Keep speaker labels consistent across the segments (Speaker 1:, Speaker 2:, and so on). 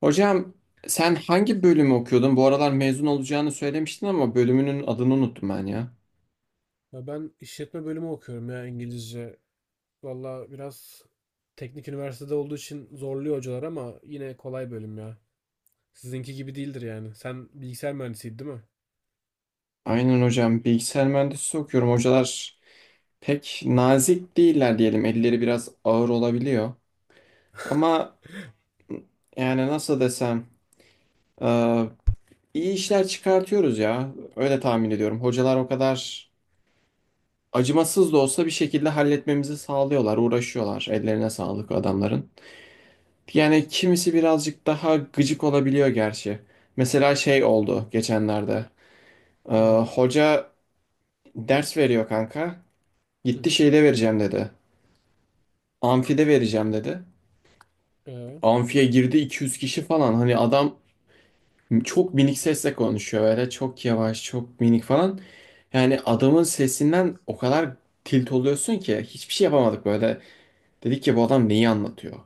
Speaker 1: Hocam sen hangi bölümü okuyordun? Bu aralar mezun olacağını söylemiştin ama bölümünün adını unuttum ben ya.
Speaker 2: Ya ben işletme bölümü okuyorum ya İngilizce. Valla biraz teknik üniversitede olduğu için zorluyor hocalar ama yine kolay bölüm ya. Sizinki gibi değildir yani. Sen bilgisayar mühendisiydin değil mi?
Speaker 1: Aynen hocam bilgisayar mühendisliği okuyorum. Hocalar pek nazik değiller diyelim. Elleri biraz ağır olabiliyor. Ama yani nasıl desem e, iyi işler çıkartıyoruz ya. Öyle tahmin ediyorum. Hocalar o kadar acımasız da olsa bir şekilde halletmemizi sağlıyorlar, uğraşıyorlar. Ellerine sağlık adamların. Yani kimisi birazcık daha gıcık olabiliyor gerçi. Mesela şey oldu geçenlerde. Ee,
Speaker 2: Ne oldu?
Speaker 1: Hoca ders veriyor kanka.
Speaker 2: Hı
Speaker 1: Gitti
Speaker 2: hı.
Speaker 1: şeyde vereceğim dedi. Amfide vereceğim dedi.
Speaker 2: Ee,
Speaker 1: Amfiye girdi 200 kişi falan. Hani adam çok minik sesle konuşuyor böyle. Çok yavaş, çok minik falan. Yani adamın sesinden o kadar tilt oluyorsun ki hiçbir şey yapamadık böyle. Dedik ki bu adam neyi anlatıyor?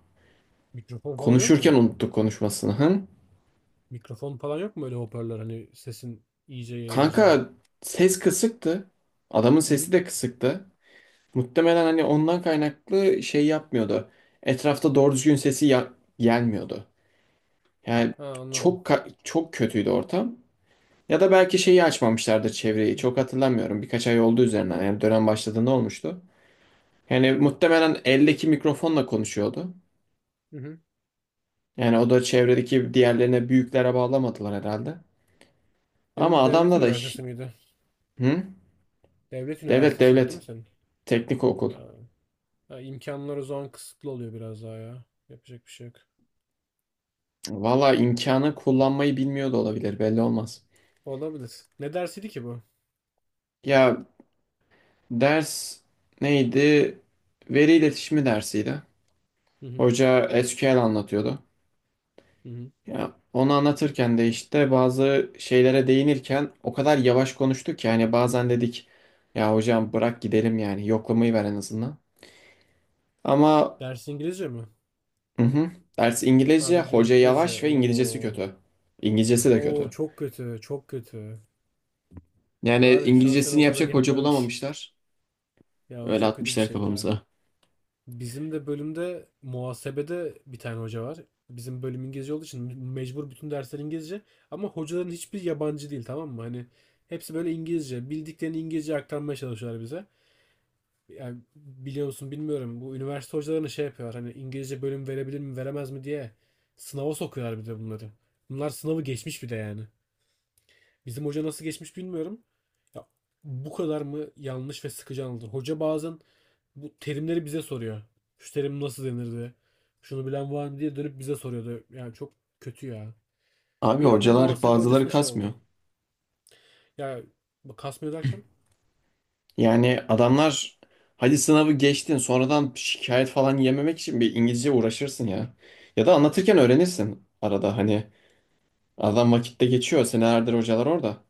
Speaker 2: mikrofon falan yok
Speaker 1: Konuşurken
Speaker 2: mu?
Speaker 1: unuttuk konuşmasını. Hı?
Speaker 2: Mikrofon falan yok mu öyle hoparlör hani sesin iyice yayılacağı?
Speaker 1: Kanka ses kısıktı. Adamın
Speaker 2: Hı hı.
Speaker 1: sesi de kısıktı. Muhtemelen hani ondan kaynaklı şey yapmıyordu. Etrafta doğru düzgün sesi gelmiyordu. Yani
Speaker 2: Ha, anladım.
Speaker 1: çok çok kötüydü ortam. Ya da belki şeyi açmamışlardır çevreyi.
Speaker 2: Hı
Speaker 1: Çok hatırlamıyorum. Birkaç ay oldu üzerinden. Yani dönem başladığında olmuştu. Yani muhtemelen eldeki mikrofonla konuşuyordu.
Speaker 2: hı. Hı.
Speaker 1: Yani o da çevredeki diğerlerine büyüklere bağlamadılar herhalde. Ama
Speaker 2: Senin devlet
Speaker 1: adamda da...
Speaker 2: üniversitesi miydi?
Speaker 1: Hı?
Speaker 2: Devlet
Speaker 1: Devlet
Speaker 2: üniversitesiydi değil
Speaker 1: devlet.
Speaker 2: mi senin?
Speaker 1: Teknik okul.
Speaker 2: Ha. Ha, imkanlar o zaman kısıtlı oluyor biraz daha ya. Yapacak bir şey yok.
Speaker 1: Valla imkanı kullanmayı bilmiyor da olabilir belli olmaz.
Speaker 2: Olabilir. Ne dersiydi ki bu?
Speaker 1: Ya ders neydi? Veri iletişimi dersiydi.
Speaker 2: Hı hı.
Speaker 1: Hoca SQL anlatıyordu.
Speaker 2: Hı hı.
Speaker 1: Ya onu anlatırken de işte bazı şeylere değinirken o kadar yavaş konuştuk ki hani bazen dedik ya hocam bırak gidelim yani yoklamayı ver en azından. Ama
Speaker 2: Ders İngilizce mi?
Speaker 1: hı hı, ders İngilizce,
Speaker 2: Abi diyor
Speaker 1: hoca
Speaker 2: İngilizce.
Speaker 1: yavaş ve İngilizcesi
Speaker 2: Oo.
Speaker 1: kötü. İngilizcesi de
Speaker 2: Oo,
Speaker 1: kötü.
Speaker 2: çok kötü. Çok kötü.
Speaker 1: Yani
Speaker 2: Var ya, şu an seni
Speaker 1: İngilizcesini
Speaker 2: o kadar
Speaker 1: yapacak
Speaker 2: iyi
Speaker 1: hoca
Speaker 2: anlıyorum ki.
Speaker 1: bulamamışlar.
Speaker 2: Ya, o
Speaker 1: Öyle
Speaker 2: çok kötü bir
Speaker 1: atmışlar
Speaker 2: şey ya.
Speaker 1: kafamıza.
Speaker 2: Bizim de bölümde muhasebede bir tane hoca var. Bizim bölüm İngilizce olduğu için mecbur bütün dersler İngilizce. Ama hocaların hiçbir yabancı değil, tamam mı? Hani hepsi böyle İngilizce. Bildiklerini İngilizce aktarmaya çalışıyorlar bize. Yani biliyor musun bilmiyorum, bu üniversite hocalarını şey yapıyor, hani İngilizce bölüm verebilir mi veremez mi diye sınava sokuyorlar bir de bunları. Bunlar sınavı geçmiş bir de yani. Bizim hoca nasıl geçmiş bilmiyorum. Ya, bu kadar mı yanlış ve sıkıcı anlatır? Hoca bazen bu terimleri bize soruyor. Şu terim nasıl denirdi? Şunu bilen var mı diye dönüp bize soruyordu. Yani çok kötü ya.
Speaker 1: Abi
Speaker 2: Bir ama
Speaker 1: hocalar
Speaker 2: muhasebe
Speaker 1: bazıları
Speaker 2: hocasına şey
Speaker 1: kasmıyor.
Speaker 2: oldu. Ya, bu kasma derken,
Speaker 1: Yani adamlar hadi sınavı geçtin sonradan şikayet falan yememek için bir İngilizce uğraşırsın ya. Ya da anlatırken öğrenirsin arada hani adam vakitte geçiyor senelerdir hocalar orada.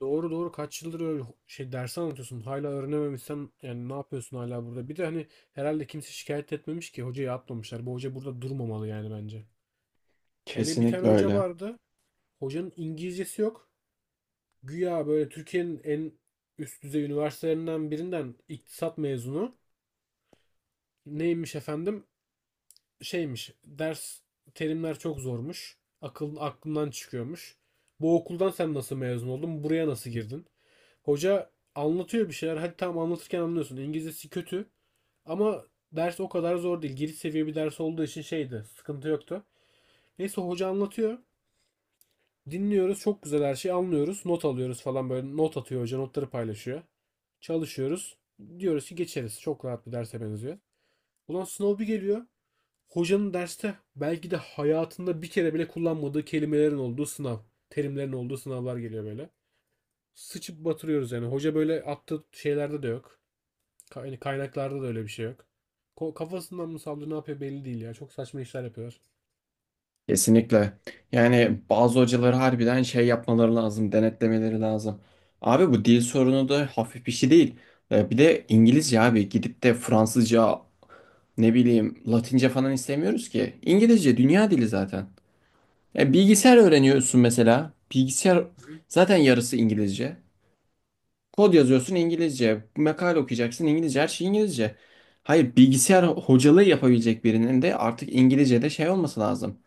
Speaker 2: doğru doğru, kaç yıldır öyle şey ders anlatıyorsun, hala öğrenememişsen yani ne yapıyorsun hala burada, bir de hani herhalde kimse şikayet etmemiş ki hocayı atmamışlar. Bu hoca burada durmamalı yani bence. Hele bir tane
Speaker 1: Kesinlikle
Speaker 2: hoca
Speaker 1: öyle.
Speaker 2: vardı, hocanın İngilizcesi yok, güya böyle Türkiye'nin en üst düzey üniversitelerinden birinden iktisat mezunu. Neymiş efendim, şeymiş ders, terimler çok zormuş, akıl aklından çıkıyormuş. Bu okuldan sen nasıl mezun oldun, buraya nasıl girdin? Hoca anlatıyor bir şeyler. Hadi tamam, anlatırken anlıyorsun. İngilizcesi kötü. Ama ders o kadar zor değil. Giriş seviye bir ders olduğu için şeydi. Sıkıntı yoktu. Neyse, hoca anlatıyor. Dinliyoruz. Çok güzel her şeyi anlıyoruz. Not alıyoruz falan böyle. Not atıyor hoca. Notları paylaşıyor. Çalışıyoruz. Diyoruz ki geçeriz. Çok rahat bir derse benziyor. Ulan sınav bir geliyor. Hocanın derste belki de hayatında bir kere bile kullanmadığı kelimelerin olduğu sınav. Terimlerin olduğu sınavlar geliyor böyle. Sıçıp batırıyoruz yani. Hoca böyle attığı şeylerde de yok. Hani kaynaklarda da öyle bir şey yok. Kafasından mı saldı, ne yapıyor belli değil ya. Çok saçma işler yapıyor.
Speaker 1: Kesinlikle. Yani bazı hocaları harbiden şey yapmaları lazım, denetlemeleri lazım. Abi bu dil sorunu da hafif bir şey değil. Bir de İngilizce abi gidip de Fransızca ne bileyim Latince falan istemiyoruz ki. İngilizce dünya dili zaten. Yani bilgisayar öğreniyorsun mesela. Bilgisayar
Speaker 2: Hı.
Speaker 1: zaten yarısı İngilizce. Kod yazıyorsun İngilizce. Makale okuyacaksın İngilizce. Her şey İngilizce. Hayır bilgisayar hocalığı yapabilecek birinin de artık İngilizce'de şey olması lazım.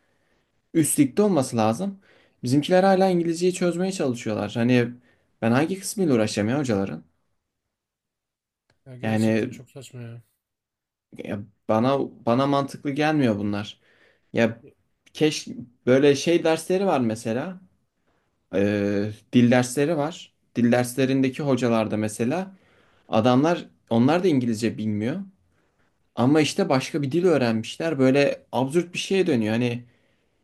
Speaker 1: Üstlükte olması lazım. Bizimkiler hala İngilizceyi çözmeye çalışıyorlar. Hani ben hangi kısmıyla uğraşacağım ya hocaların?
Speaker 2: Ya gerçekten
Speaker 1: Yani
Speaker 2: çok saçma ya.
Speaker 1: ya bana
Speaker 2: Hadi-
Speaker 1: bana mantıklı gelmiyor bunlar. Ya keşke böyle şey dersleri var mesela. Dil dersleri var. Dil derslerindeki hocalar da mesela adamlar onlar da İngilizce bilmiyor. Ama işte başka bir dil öğrenmişler. Böyle absürt bir şeye dönüyor. Hani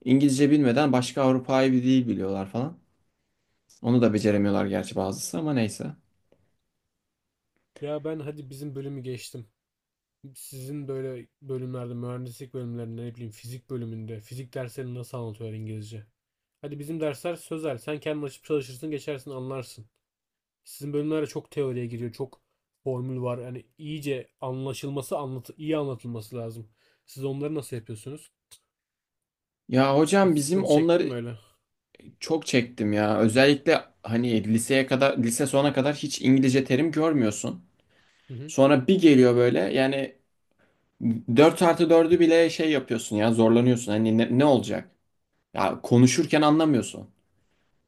Speaker 1: İngilizce bilmeden başka Avrupa'yı bir dil biliyorlar falan. Onu da beceremiyorlar gerçi bazısı ama neyse.
Speaker 2: ya ben hadi bizim bölümü geçtim. Sizin böyle bölümlerde, mühendislik bölümlerinde, ne bileyim, fizik bölümünde fizik derslerini nasıl anlatıyor İngilizce? Hadi bizim dersler sözel. Sen kendin açıp çalışırsın, geçersin, anlarsın. Sizin bölümlerde çok teoriye giriyor, çok formül var. Yani iyice anlaşılması, anlatı iyi anlatılması lazım. Siz onları nasıl yapıyorsunuz?
Speaker 1: Ya hocam
Speaker 2: Hiç
Speaker 1: bizim
Speaker 2: sıkıntı çektin mi
Speaker 1: onları
Speaker 2: öyle?
Speaker 1: çok çektim ya. Özellikle hani liseye kadar lise sona kadar hiç İngilizce terim görmüyorsun. Sonra bir geliyor böyle yani 4 artı dördü bile şey yapıyorsun ya zorlanıyorsun. Hani ne olacak? Ya konuşurken anlamıyorsun.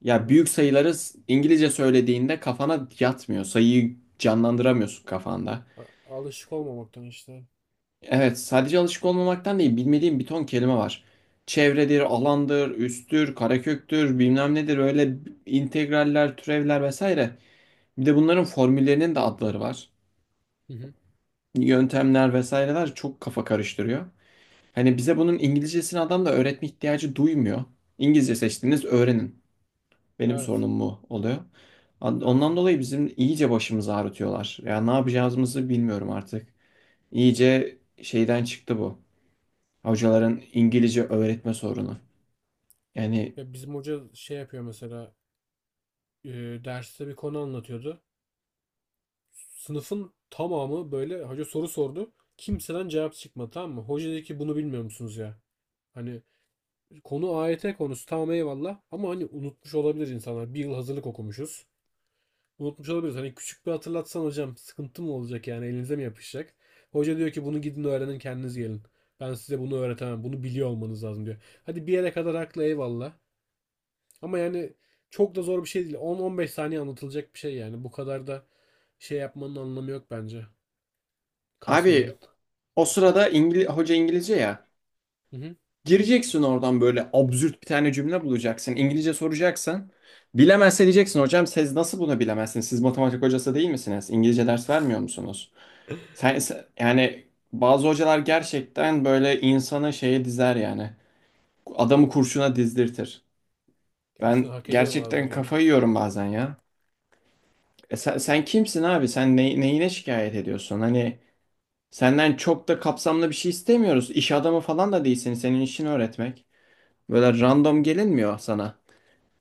Speaker 1: Ya
Speaker 2: Hı. Hı.
Speaker 1: büyük sayıları İngilizce söylediğinde kafana yatmıyor. Sayıyı canlandıramıyorsun kafanda.
Speaker 2: Alışık olmamaktan işte.
Speaker 1: Evet, sadece alışık olmamaktan değil, bilmediğim bir ton kelime var. Çevredir, alandır, üsttür, kareköktür, bilmem nedir öyle integraller, türevler vesaire. Bir de bunların formüllerinin de adları var.
Speaker 2: Hı hı.
Speaker 1: Yöntemler vesaireler çok kafa karıştırıyor. Hani bize bunun İngilizcesini adam da öğretme ihtiyacı duymuyor. İngilizce seçtiğiniz öğrenin. Benim
Speaker 2: Evet.
Speaker 1: sorunum mu oluyor.
Speaker 2: Evet.
Speaker 1: Ondan
Speaker 2: Evet.
Speaker 1: dolayı bizim iyice başımızı ağrıtıyorlar. Ya ne yapacağımızı bilmiyorum artık. İyice şeyden çıktı bu. Hocaların İngilizce öğretme sorunu. Yani
Speaker 2: Ya bizim hoca şey yapıyor mesela, e, derste bir konu anlatıyordu. Sınıfın tamamı böyle, hoca soru sordu. Kimseden cevap çıkmadı, tamam mı? Hoca dedi ki, bunu bilmiyor musunuz ya? Hani konu AYT konusu, tamam eyvallah, ama hani unutmuş olabilir insanlar. Bir yıl hazırlık okumuşuz. Unutmuş olabiliriz. Hani küçük bir hatırlatsan hocam sıkıntı mı olacak, yani elinize mi yapışacak? Hoca diyor ki, bunu gidin öğrenin kendiniz gelin. Ben size bunu öğretemem. Bunu biliyor olmanız lazım diyor. Hadi bir yere kadar haklı, eyvallah. Ama yani çok da zor bir şey değil. On on beş saniye anlatılacak bir şey yani. Bu kadar da şey yapmanın anlamı yok bence.
Speaker 1: abi
Speaker 2: Kasmanın.
Speaker 1: o sırada İngil hoca İngilizce ya.
Speaker 2: Hı hı.
Speaker 1: Gireceksin oradan böyle absürt bir tane cümle bulacaksın. İngilizce soracaksın. Bilemezse diyeceksin hocam siz nasıl bunu bilemezsiniz? Siz matematik hocası değil misiniz? İngilizce ders vermiyor musunuz? Yani bazı hocalar gerçekten böyle insanı şeye dizer yani. Adamı kurşuna dizdirtir.
Speaker 2: Gerçekten
Speaker 1: Ben
Speaker 2: hak ediyor
Speaker 1: gerçekten
Speaker 2: bazıları ya.
Speaker 1: kafayı yiyorum bazen ya. E sen kimsin abi? Sen neyine şikayet ediyorsun? Hani senden çok da kapsamlı bir şey istemiyoruz. İş adamı falan da değilsin. Senin işini öğretmek. Böyle random gelinmiyor sana.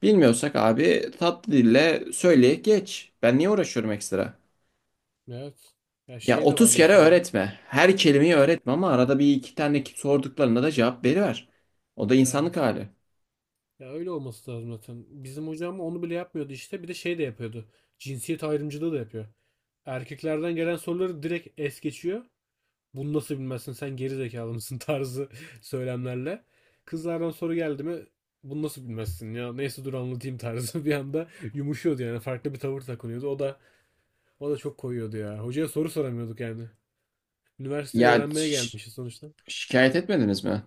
Speaker 1: Bilmiyorsak abi tatlı dille söyle geç. Ben niye uğraşıyorum ekstra?
Speaker 2: Evet. Ya
Speaker 1: Ya
Speaker 2: şey de var
Speaker 1: 30 kere
Speaker 2: mesela.
Speaker 1: öğretme. Her kelimeyi öğretme ama arada bir iki tane sorduklarına da cevap veriver. O da insanlık
Speaker 2: Evet.
Speaker 1: hali.
Speaker 2: Ya öyle olması lazım zaten. Bizim hocam onu bile yapmıyordu işte. Bir de şey de yapıyordu. Cinsiyet ayrımcılığı da yapıyor. Erkeklerden gelen soruları direkt es geçiyor. Bunu nasıl bilmezsin sen, geri zekalı mısın tarzı söylemlerle. Kızlardan soru geldi mi, bunu nasıl bilmezsin ya, neyse dur anlatayım tarzı bir anda yumuşuyordu, yani farklı bir tavır takınıyordu. O da çok koyuyordu ya. Hocaya soru soramıyorduk yani. Üniversiteyi
Speaker 1: Ya
Speaker 2: öğrenmeye gelmişiz sonuçta.
Speaker 1: şikayet etmediniz mi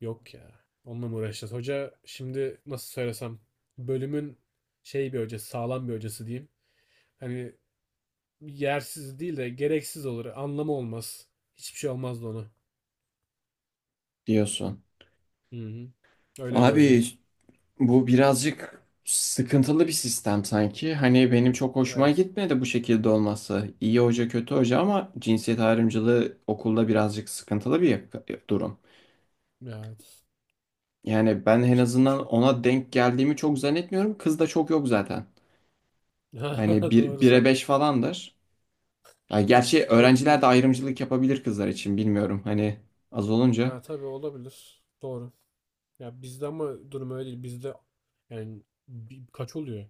Speaker 2: Yok ya. Onunla mı uğraşacağız? Hoca şimdi nasıl söylesem, bölümün şey bir hocası, sağlam bir hocası diyeyim. Hani yersiz değil de gereksiz olur. Anlamı olmaz. Hiçbir şey olmazdı ona.
Speaker 1: diyorsun?
Speaker 2: Hı hı. Öyle bir hoca.
Speaker 1: Abi bu birazcık sıkıntılı bir sistem sanki. Hani benim çok hoşuma
Speaker 2: Evet.
Speaker 1: gitmedi bu şekilde olması. İyi hoca kötü hoca ama cinsiyet ayrımcılığı okulda birazcık sıkıntılı bir durum.
Speaker 2: Evet.
Speaker 1: Yani
Speaker 2: Ama
Speaker 1: ben en
Speaker 2: yapacak da bir şey
Speaker 1: azından
Speaker 2: yok.
Speaker 1: ona denk geldiğimi çok zannetmiyorum. Kız da çok yok zaten. Hani bir,
Speaker 2: Doğru
Speaker 1: bire
Speaker 2: sen.
Speaker 1: beş falandır. Ya gerçi
Speaker 2: Yok
Speaker 1: öğrenciler
Speaker 2: bir.
Speaker 1: de ayrımcılık yapabilir kızlar için bilmiyorum. Hani az olunca.
Speaker 2: Ha tabii olabilir. Doğru. Ya bizde ama durum öyle değil. Bizde yani kaç oluyor?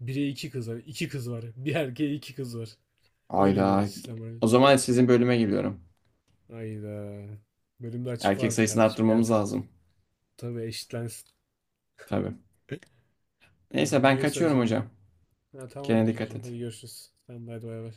Speaker 2: Bire iki kız var. İki kız var. Bir erkeğe iki kız var. Öyle bir
Speaker 1: Ayda.
Speaker 2: sistem var.
Speaker 1: O zaman sizin bölüme geliyorum.
Speaker 2: Hayda. Bölümde açık
Speaker 1: Erkek
Speaker 2: vardı
Speaker 1: sayısını
Speaker 2: kardeşim. Gel
Speaker 1: arttırmamız
Speaker 2: sen. De.
Speaker 1: lazım.
Speaker 2: Tabii eşitlensin.
Speaker 1: Tabii. Neyse ben
Speaker 2: Neyse
Speaker 1: kaçıyorum
Speaker 2: hocam.
Speaker 1: hocam.
Speaker 2: Ha,
Speaker 1: Kendine
Speaker 2: tamamdır
Speaker 1: dikkat
Speaker 2: hocam.
Speaker 1: et.
Speaker 2: Hadi görüşürüz. Sen de hadi, bay bay.